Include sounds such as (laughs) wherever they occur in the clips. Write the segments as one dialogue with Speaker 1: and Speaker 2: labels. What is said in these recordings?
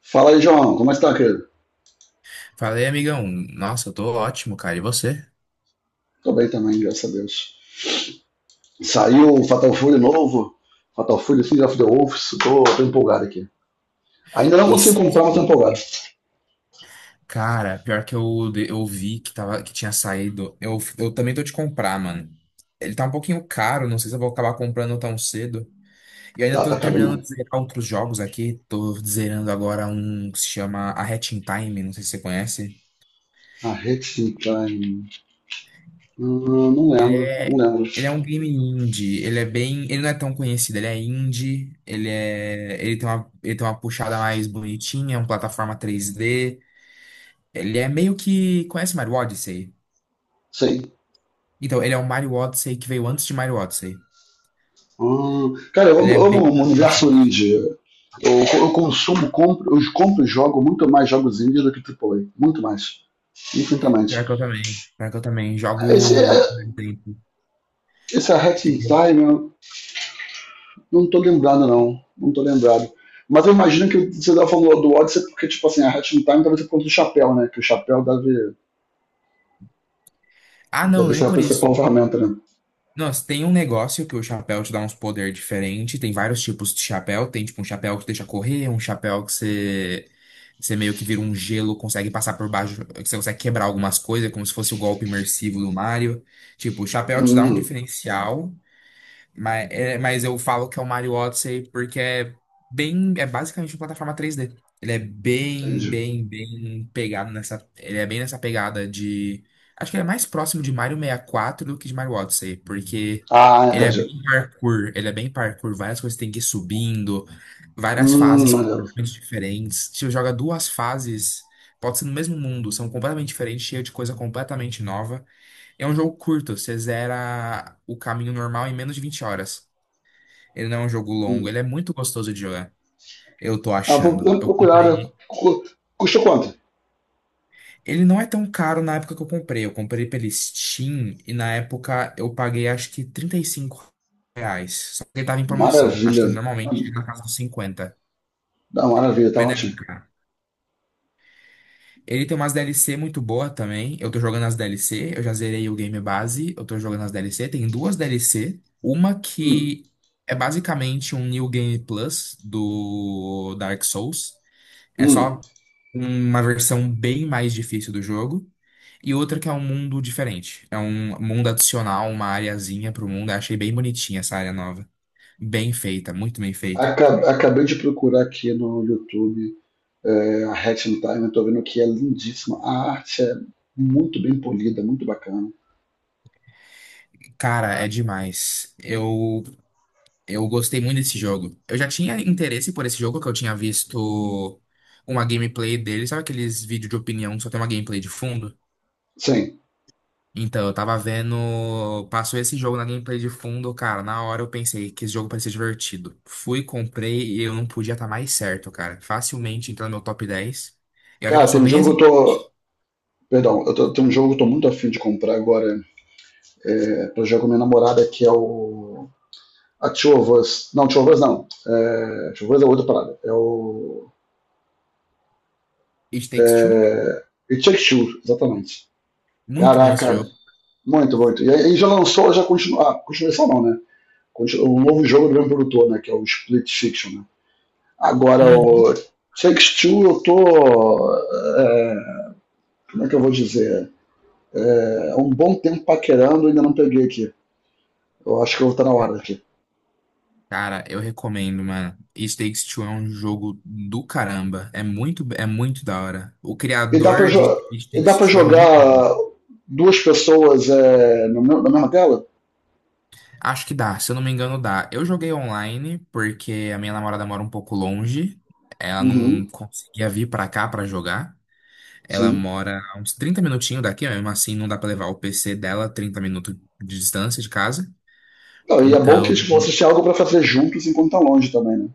Speaker 1: Fala aí, João. Como está, querido?
Speaker 2: Falei, amigão. Nossa, eu tô ótimo, cara. E você?
Speaker 1: Tô bem também, graças a Deus. Saiu o Fatal Fury novo. Fatal Fury Seed of the Wolves. Tô empolgado aqui. Ainda não
Speaker 2: E
Speaker 1: consigo
Speaker 2: se...
Speaker 1: comprar, mas tô empolgado.
Speaker 2: Cara, pior que eu, eu vi que tinha saído. Eu também tô de comprar, mano. Ele tá um pouquinho caro, não sei se eu vou acabar comprando tão cedo. E
Speaker 1: Tá,
Speaker 2: ainda
Speaker 1: tá
Speaker 2: tô
Speaker 1: caro
Speaker 2: terminando
Speaker 1: mesmo.
Speaker 2: de zerar outros jogos aqui. Tô zerando agora um que se chama A Hatching Time, não sei se você conhece.
Speaker 1: A Hexenkine. Não
Speaker 2: Ele
Speaker 1: lembro. Não
Speaker 2: é,
Speaker 1: lembro.
Speaker 2: ele é um game indie, ele não é tão conhecido, ele é indie, ele tem uma puxada mais bonitinha, é uma plataforma 3D. Ele é meio que. Conhece Mario Odyssey?
Speaker 1: Sei.
Speaker 2: Então, ele é um Mario Odyssey que veio antes de Mario Odyssey.
Speaker 1: Cara, eu
Speaker 2: Ele
Speaker 1: amo,
Speaker 2: é
Speaker 1: eu amo
Speaker 2: bem
Speaker 1: o universo
Speaker 2: interessante.
Speaker 1: indie. Eu consumo, compro, eu compro e jogo muito mais jogos indie do que AAA. Muito mais. Infinitamente.
Speaker 2: Pior que eu também. Pior que eu também.
Speaker 1: Esse, é,
Speaker 2: Jogo. Por exemplo.
Speaker 1: esse é a Hexenkine. Não tô lembrado, não. Não tô lembrado. Mas eu imagino que você estava falando do Odyssey porque, tipo assim, a Hatching Time talvez por conta do chapéu, né? Que o chapéu deve,
Speaker 2: Ah, não,
Speaker 1: Deve
Speaker 2: nem
Speaker 1: ser a
Speaker 2: por isso.
Speaker 1: principal ferramenta, né?
Speaker 2: Nossa, tem um negócio que o chapéu te dá uns poder diferente. Tem vários tipos de chapéu. Tem tipo um chapéu que deixa correr, um chapéu que você. Você meio que vira um gelo, consegue passar por baixo, que você consegue quebrar algumas coisas, como se fosse o golpe imersivo do Mario. Tipo, o chapéu te dá um
Speaker 1: Hum,
Speaker 2: diferencial. Mas, mas eu falo que é o Mario Odyssey porque é bem, é basicamente uma plataforma 3D. Ele é bem,
Speaker 1: entendi.
Speaker 2: bem, bem pegado nessa, ele é bem nessa pegada de, acho que ele é mais próximo de Mario 64 do que de Mario Odyssey, porque
Speaker 1: Ah,
Speaker 2: ele é
Speaker 1: entendi.
Speaker 2: bem parkour, ele é bem parkour, várias coisas tem que ir subindo, várias fases
Speaker 1: Maneiro.
Speaker 2: completamente diferentes. Se você joga duas fases, pode ser no mesmo mundo, são completamente diferentes, cheio de coisa completamente nova. É um jogo curto, você zera o caminho normal em menos de 20 horas. Ele não é um jogo longo,
Speaker 1: Hum.
Speaker 2: ele é muito gostoso de jogar. Eu tô
Speaker 1: Ah, vou
Speaker 2: achando.
Speaker 1: vou
Speaker 2: Eu
Speaker 1: procurar, né?
Speaker 2: comprei.
Speaker 1: Custa quanto?
Speaker 2: Ele não é tão caro na época que eu comprei. Eu comprei pela Steam e na época eu paguei acho que R$ 35. Só que ele tava em promoção. Acho
Speaker 1: Maravilha.
Speaker 2: que ele normalmente
Speaker 1: Hum,
Speaker 2: chega na casa dos 50.
Speaker 1: Dá maravilha, tá
Speaker 2: Mas não é
Speaker 1: ótimo.
Speaker 2: caro. Ele tem umas DLC muito boa também. Eu tô jogando as DLC, eu já zerei o game base, eu tô jogando as DLC. Tem duas DLC, uma
Speaker 1: Hum,
Speaker 2: que é basicamente um New Game Plus do Dark Souls. É
Speaker 1: hum.
Speaker 2: só uma versão bem mais difícil do jogo. E outra que é um mundo diferente. É um mundo adicional, uma areazinha pro mundo. Eu achei bem bonitinha essa área nova. Bem feita, muito bem feita.
Speaker 1: Acabei de procurar aqui no YouTube, a Hatching Time, eu tô vendo que é lindíssima. A arte é muito bem polida, muito bacana.
Speaker 2: Cara, é demais. Eu gostei muito desse jogo. Eu já tinha interesse por esse jogo, que eu tinha visto uma gameplay dele. Sabe aqueles vídeos de opinião que só tem uma gameplay de fundo?
Speaker 1: Sim.
Speaker 2: Então, eu tava vendo. Passou esse jogo na gameplay de fundo, cara. Na hora eu pensei que esse jogo parecia divertido. Fui, comprei e eu não podia estar mais certo, cara. Facilmente entrou no meu top 10. E olha que eu
Speaker 1: Cara, tem
Speaker 2: sou
Speaker 1: um
Speaker 2: bem
Speaker 1: jogo que
Speaker 2: assim.
Speaker 1: eu tô. Perdão, tem um jogo que eu tô muito afim de comprar agora, pra jogar com minha namorada, que é o. A Two of Us. Não, Two of Us não. É, Two of Us é outra parada. É o.
Speaker 2: It Takes Two.
Speaker 1: É, It Takes Two, exatamente.
Speaker 2: Muito bom esse
Speaker 1: Caraca,
Speaker 2: jogo.
Speaker 1: muito, muito. E aí já lançou, já continua. Ah, continuação não, né? Um novo jogo do mesmo produtor, né? Que é o Split Fiction, né? Agora, o
Speaker 2: Uhum.
Speaker 1: Takes Two, eu tô. É, como é que eu vou dizer? Um bom tempo paquerando, ainda não peguei aqui. Eu acho que eu vou estar na hora aqui.
Speaker 2: Cara, eu recomendo, mano. It Takes Two é um jogo do caramba. É muito da hora. O
Speaker 1: E dá pra,
Speaker 2: criador de
Speaker 1: jo
Speaker 2: It
Speaker 1: e dá
Speaker 2: Takes
Speaker 1: pra
Speaker 2: Two é muito.
Speaker 1: jogar duas pessoas, no na mesma tela?
Speaker 2: Acho que dá, se eu não me engano, dá. Eu joguei online porque a minha namorada mora um pouco longe. Ela não
Speaker 1: Uhum,
Speaker 2: conseguia vir pra cá pra jogar. Ela
Speaker 1: sim.
Speaker 2: mora a uns 30 minutinhos daqui, mesmo assim não dá pra levar o PC dela 30 minutos de distância de casa.
Speaker 1: Não, e é bom
Speaker 2: Então,
Speaker 1: que tipo, vocês têm algo pra fazer juntos enquanto estão longe também, né?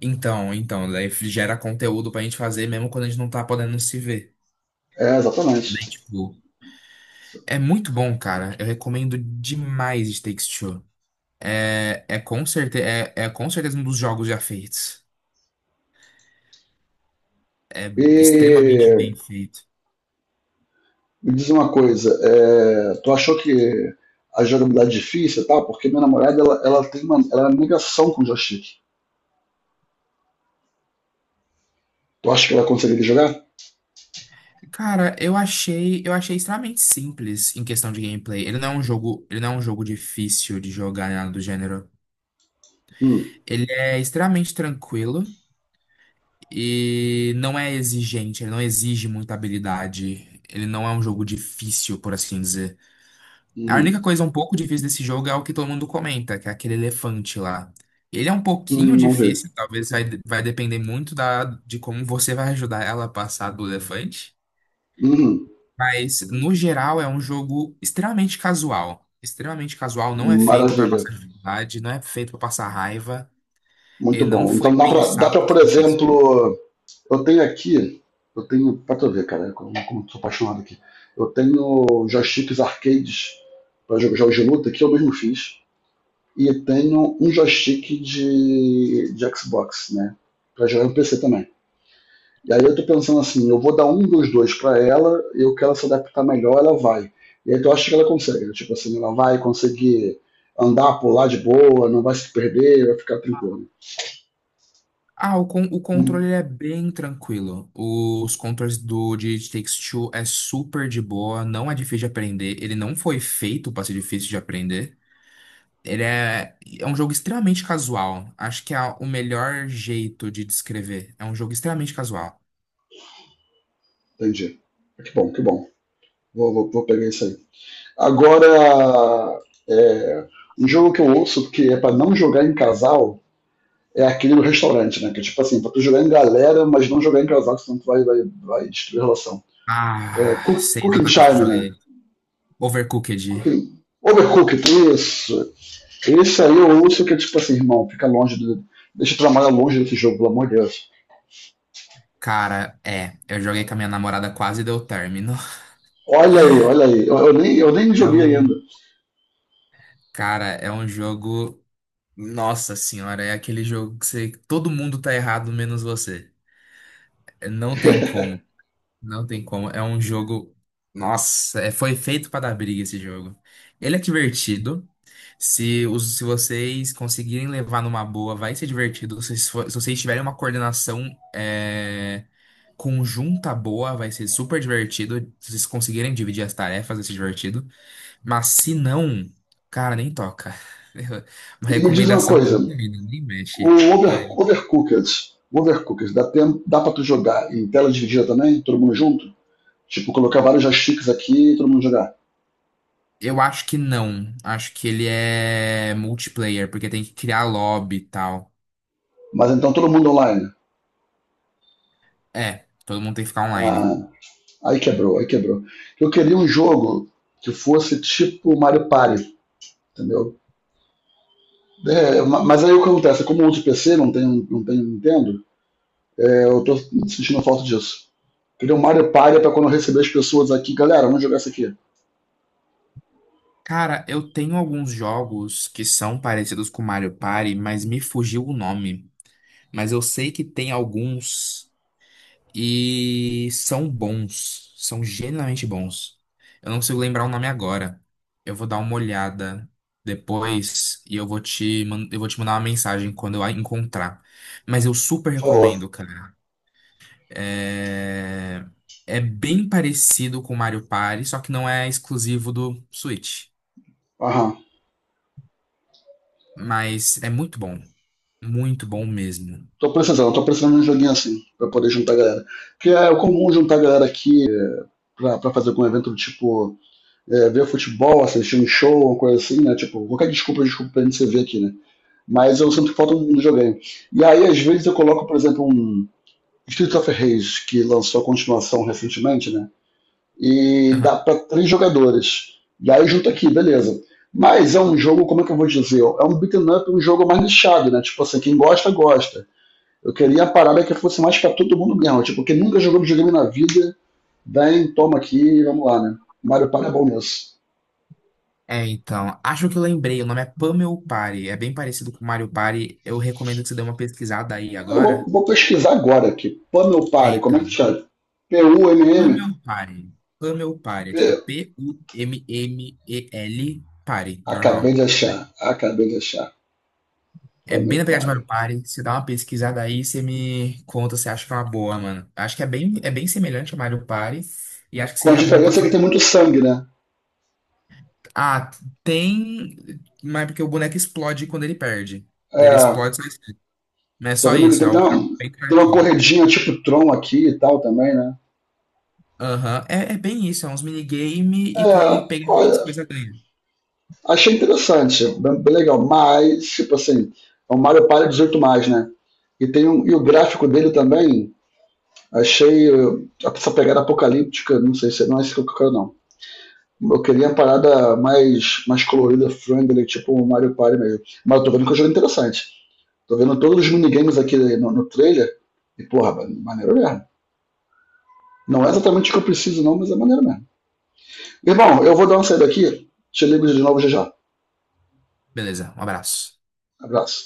Speaker 2: então, daí gera conteúdo pra gente fazer mesmo quando a gente não tá podendo se ver,
Speaker 1: É, exatamente.
Speaker 2: né? Tipo, é muito bom, cara. Eu recomendo demais It Takes Two. É com certeza um dos jogos já feitos. Extremamente bem
Speaker 1: E
Speaker 2: feito.
Speaker 1: me diz uma coisa, tu achou que a jogabilidade é difícil e tal? Porque minha namorada, ela tem uma, ela é uma negação com o joystick. Tu acha que ela conseguiria jogar?
Speaker 2: Cara, eu achei extremamente simples em questão de gameplay. Ele não é um jogo difícil de jogar, nada do gênero.
Speaker 1: Hum,
Speaker 2: Ele é extremamente tranquilo e não é exigente, ele não exige muita habilidade. Ele não é um jogo difícil, por assim dizer. A
Speaker 1: uhum,
Speaker 2: única coisa um pouco difícil desse jogo é o que todo mundo comenta, que é aquele elefante lá. Ele é um pouquinho
Speaker 1: não vi.
Speaker 2: difícil, talvez vai depender muito da, de como você vai ajudar ela a passar do elefante.
Speaker 1: Uhum.
Speaker 2: Mas, no geral, é um jogo extremamente casual. Extremamente casual, não é feito para
Speaker 1: Maravilha,
Speaker 2: passar dificuldade, não é feito para passar raiva,
Speaker 1: muito
Speaker 2: e não
Speaker 1: bom.
Speaker 2: foi
Speaker 1: Então dá
Speaker 2: pensado
Speaker 1: pra,
Speaker 2: para
Speaker 1: por
Speaker 2: ser difícil.
Speaker 1: exemplo, eu tenho aqui, eu tenho, pra tu ver, cara, como eu sou apaixonado aqui. Eu tenho joysticks arcades para jogos de luta que eu mesmo fiz e tenho um joystick de Xbox, né, para jogar no PC também. E aí eu tô pensando assim, eu vou dar um dos dois para ela, eu quero se adaptar melhor, ela vai. E aí tu acha que ela consegue, né? Tipo assim, ela vai conseguir andar, pular de boa, não vai se perder, vai ficar tranquilo.
Speaker 2: Ah, o controle ele é bem tranquilo. Os controles do de It Takes Two é super de boa, não é difícil de aprender. Ele não foi feito para ser difícil de aprender. É um jogo extremamente casual. Acho que é o melhor jeito de descrever. É um jogo extremamente casual.
Speaker 1: Entendi. Que bom, que bom. Vou pegar isso aí. Agora, é, um jogo que eu ouço que é pra não jogar em casal é aquele do restaurante, né? Que é tipo assim, pra tu jogar em galera, mas não jogar em casal, senão tu vai destruir a relação. É,
Speaker 2: Ah, sei
Speaker 1: cooking
Speaker 2: exatamente que
Speaker 1: Time,
Speaker 2: jogo é
Speaker 1: né?
Speaker 2: ele. Overcooked.
Speaker 1: Cooking, Overcooked, isso. Esse aí eu ouço que é tipo assim, irmão, fica longe do. Deixa eu trabalhar longe desse jogo, pelo amor de Deus.
Speaker 2: Cara, é. Eu joguei com a minha namorada, quase deu término. (laughs)
Speaker 1: Olha aí, olha aí. Eu nem
Speaker 2: É
Speaker 1: joguei
Speaker 2: o.
Speaker 1: ainda.
Speaker 2: Cara, é um jogo. Nossa senhora, é aquele jogo que todo mundo tá errado menos você. É, não
Speaker 1: (laughs)
Speaker 2: tem como, não tem como. É um jogo. Nossa, foi feito pra dar briga esse jogo. Ele é divertido. Se vocês conseguirem levar numa boa, vai ser divertido. Se vocês tiverem uma coordenação é, conjunta boa, vai ser super divertido. Se vocês conseguirem dividir as tarefas, vai ser divertido. Mas se não, cara, nem toca. (laughs) Uma
Speaker 1: E me diz uma
Speaker 2: recomendação de
Speaker 1: coisa,
Speaker 2: comida, nem mexe. Olha,
Speaker 1: Overcooked. Overcooked. Dá pra tu jogar em tela dividida também? Todo mundo junto? Tipo, colocar vários joysticks aqui e todo mundo jogar.
Speaker 2: eu acho que não. Acho que ele é multiplayer, porque tem que criar lobby e tal.
Speaker 1: Mas então todo mundo online.
Speaker 2: É, todo mundo tem que ficar online.
Speaker 1: Ah, aí quebrou, aí quebrou. Eu queria um jogo que fosse tipo Mario Party, entendeu? É, mas aí o que acontece? Como eu uso PC, não tenho Nintendo, eu tô sentindo falta disso. Queria um Mario Party pra quando eu receber as pessoas aqui. Galera, vamos jogar isso aqui.
Speaker 2: Cara, eu tenho alguns jogos que são parecidos com Mario Party, mas me fugiu o nome. Mas eu sei que tem alguns. E são bons. São genuinamente bons. Eu não consigo lembrar o nome agora. Eu vou dar uma olhada depois e eu vou te, eu vou te mandar uma mensagem quando eu a encontrar. Mas eu super
Speaker 1: Por favor.
Speaker 2: recomendo, cara. É, é bem parecido com Mario Party, só que não é exclusivo do Switch.
Speaker 1: Aham.
Speaker 2: Mas é muito bom. Muito bom mesmo.
Speaker 1: Tô precisando de um joguinho assim, pra poder juntar a galera. Porque é comum juntar a galera aqui, pra fazer algum evento do tipo, ver futebol, assistir um show, uma coisa assim, né? Tipo, qualquer desculpa pra gente se ver aqui, né? Mas eu sinto que falta um joguinho. E aí, às vezes, eu coloco, por exemplo, um Street of Rage, que lançou a continuação recentemente, né? E dá
Speaker 2: Aham.
Speaker 1: pra 3 jogadores. E aí junta aqui, beleza. Mas é um jogo, como é que eu vou dizer? É um beat'em up, um jogo mais nichado, né? Tipo assim, quem gosta, gosta, eu queria a parada que fosse mais pra todo mundo mesmo. Tipo, quem nunca jogou videogame na vida, vem, toma aqui e vamos lá, né? Mario Party é bom nisso.
Speaker 2: É, então, acho que eu lembrei, o nome é Pummel Party, é bem parecido com Mario Party, eu recomendo que você dê uma pesquisada aí
Speaker 1: Eu vou,
Speaker 2: agora.
Speaker 1: vou pesquisar agora aqui. Pummel
Speaker 2: É,
Speaker 1: Party, como é que
Speaker 2: então,
Speaker 1: chama? P-U-M-M?
Speaker 2: Pummel Party, Pummel Party, é tipo
Speaker 1: P-
Speaker 2: Pummel Party,
Speaker 1: Acabei
Speaker 2: normal.
Speaker 1: de achar, acabei de achar.
Speaker 2: É
Speaker 1: Pummel
Speaker 2: bem na pegada de Mario
Speaker 1: Party.
Speaker 2: Party, você dá uma pesquisada aí, você me conta se acha que é uma boa, mano. Acho que é bem semelhante a Mario Party, e acho que
Speaker 1: Com a
Speaker 2: seria bom pra
Speaker 1: diferença que
Speaker 2: sua...
Speaker 1: tem muito sangue, né?
Speaker 2: Ah, tem, mas é porque o boneco explode quando ele perde. Daí ele
Speaker 1: É,
Speaker 2: explode, mas não é
Speaker 1: tô
Speaker 2: só
Speaker 1: vendo que
Speaker 2: isso, é algo bem
Speaker 1: tem uma
Speaker 2: cartoon.
Speaker 1: corredinha tipo Tron aqui e tal também, né?
Speaker 2: Aham, é, é bem isso, é uns minigame e quem
Speaker 1: É,
Speaker 2: pega mais
Speaker 1: olha,
Speaker 2: coisa ganha.
Speaker 1: achei interessante, bem, bem legal. Mas, tipo assim, é um Mario Party 18 mais, né? E tem um, e o gráfico dele também, achei essa pegada apocalíptica, não sei se não é isso que eu quero, não. Eu queria uma parada mais, mais colorida, friendly, tipo o Mario Party mesmo. Mas eu tô vendo que é um jogo é interessante. Tô vendo todos os minigames aqui no, no trailer. E, porra, mano, maneiro mesmo. Não é exatamente o que eu preciso, não, mas é maneiro mesmo. Irmão, eu vou dar uma saída aqui. Te ligo de novo já já.
Speaker 2: Beleza, um abraço.
Speaker 1: Abraço.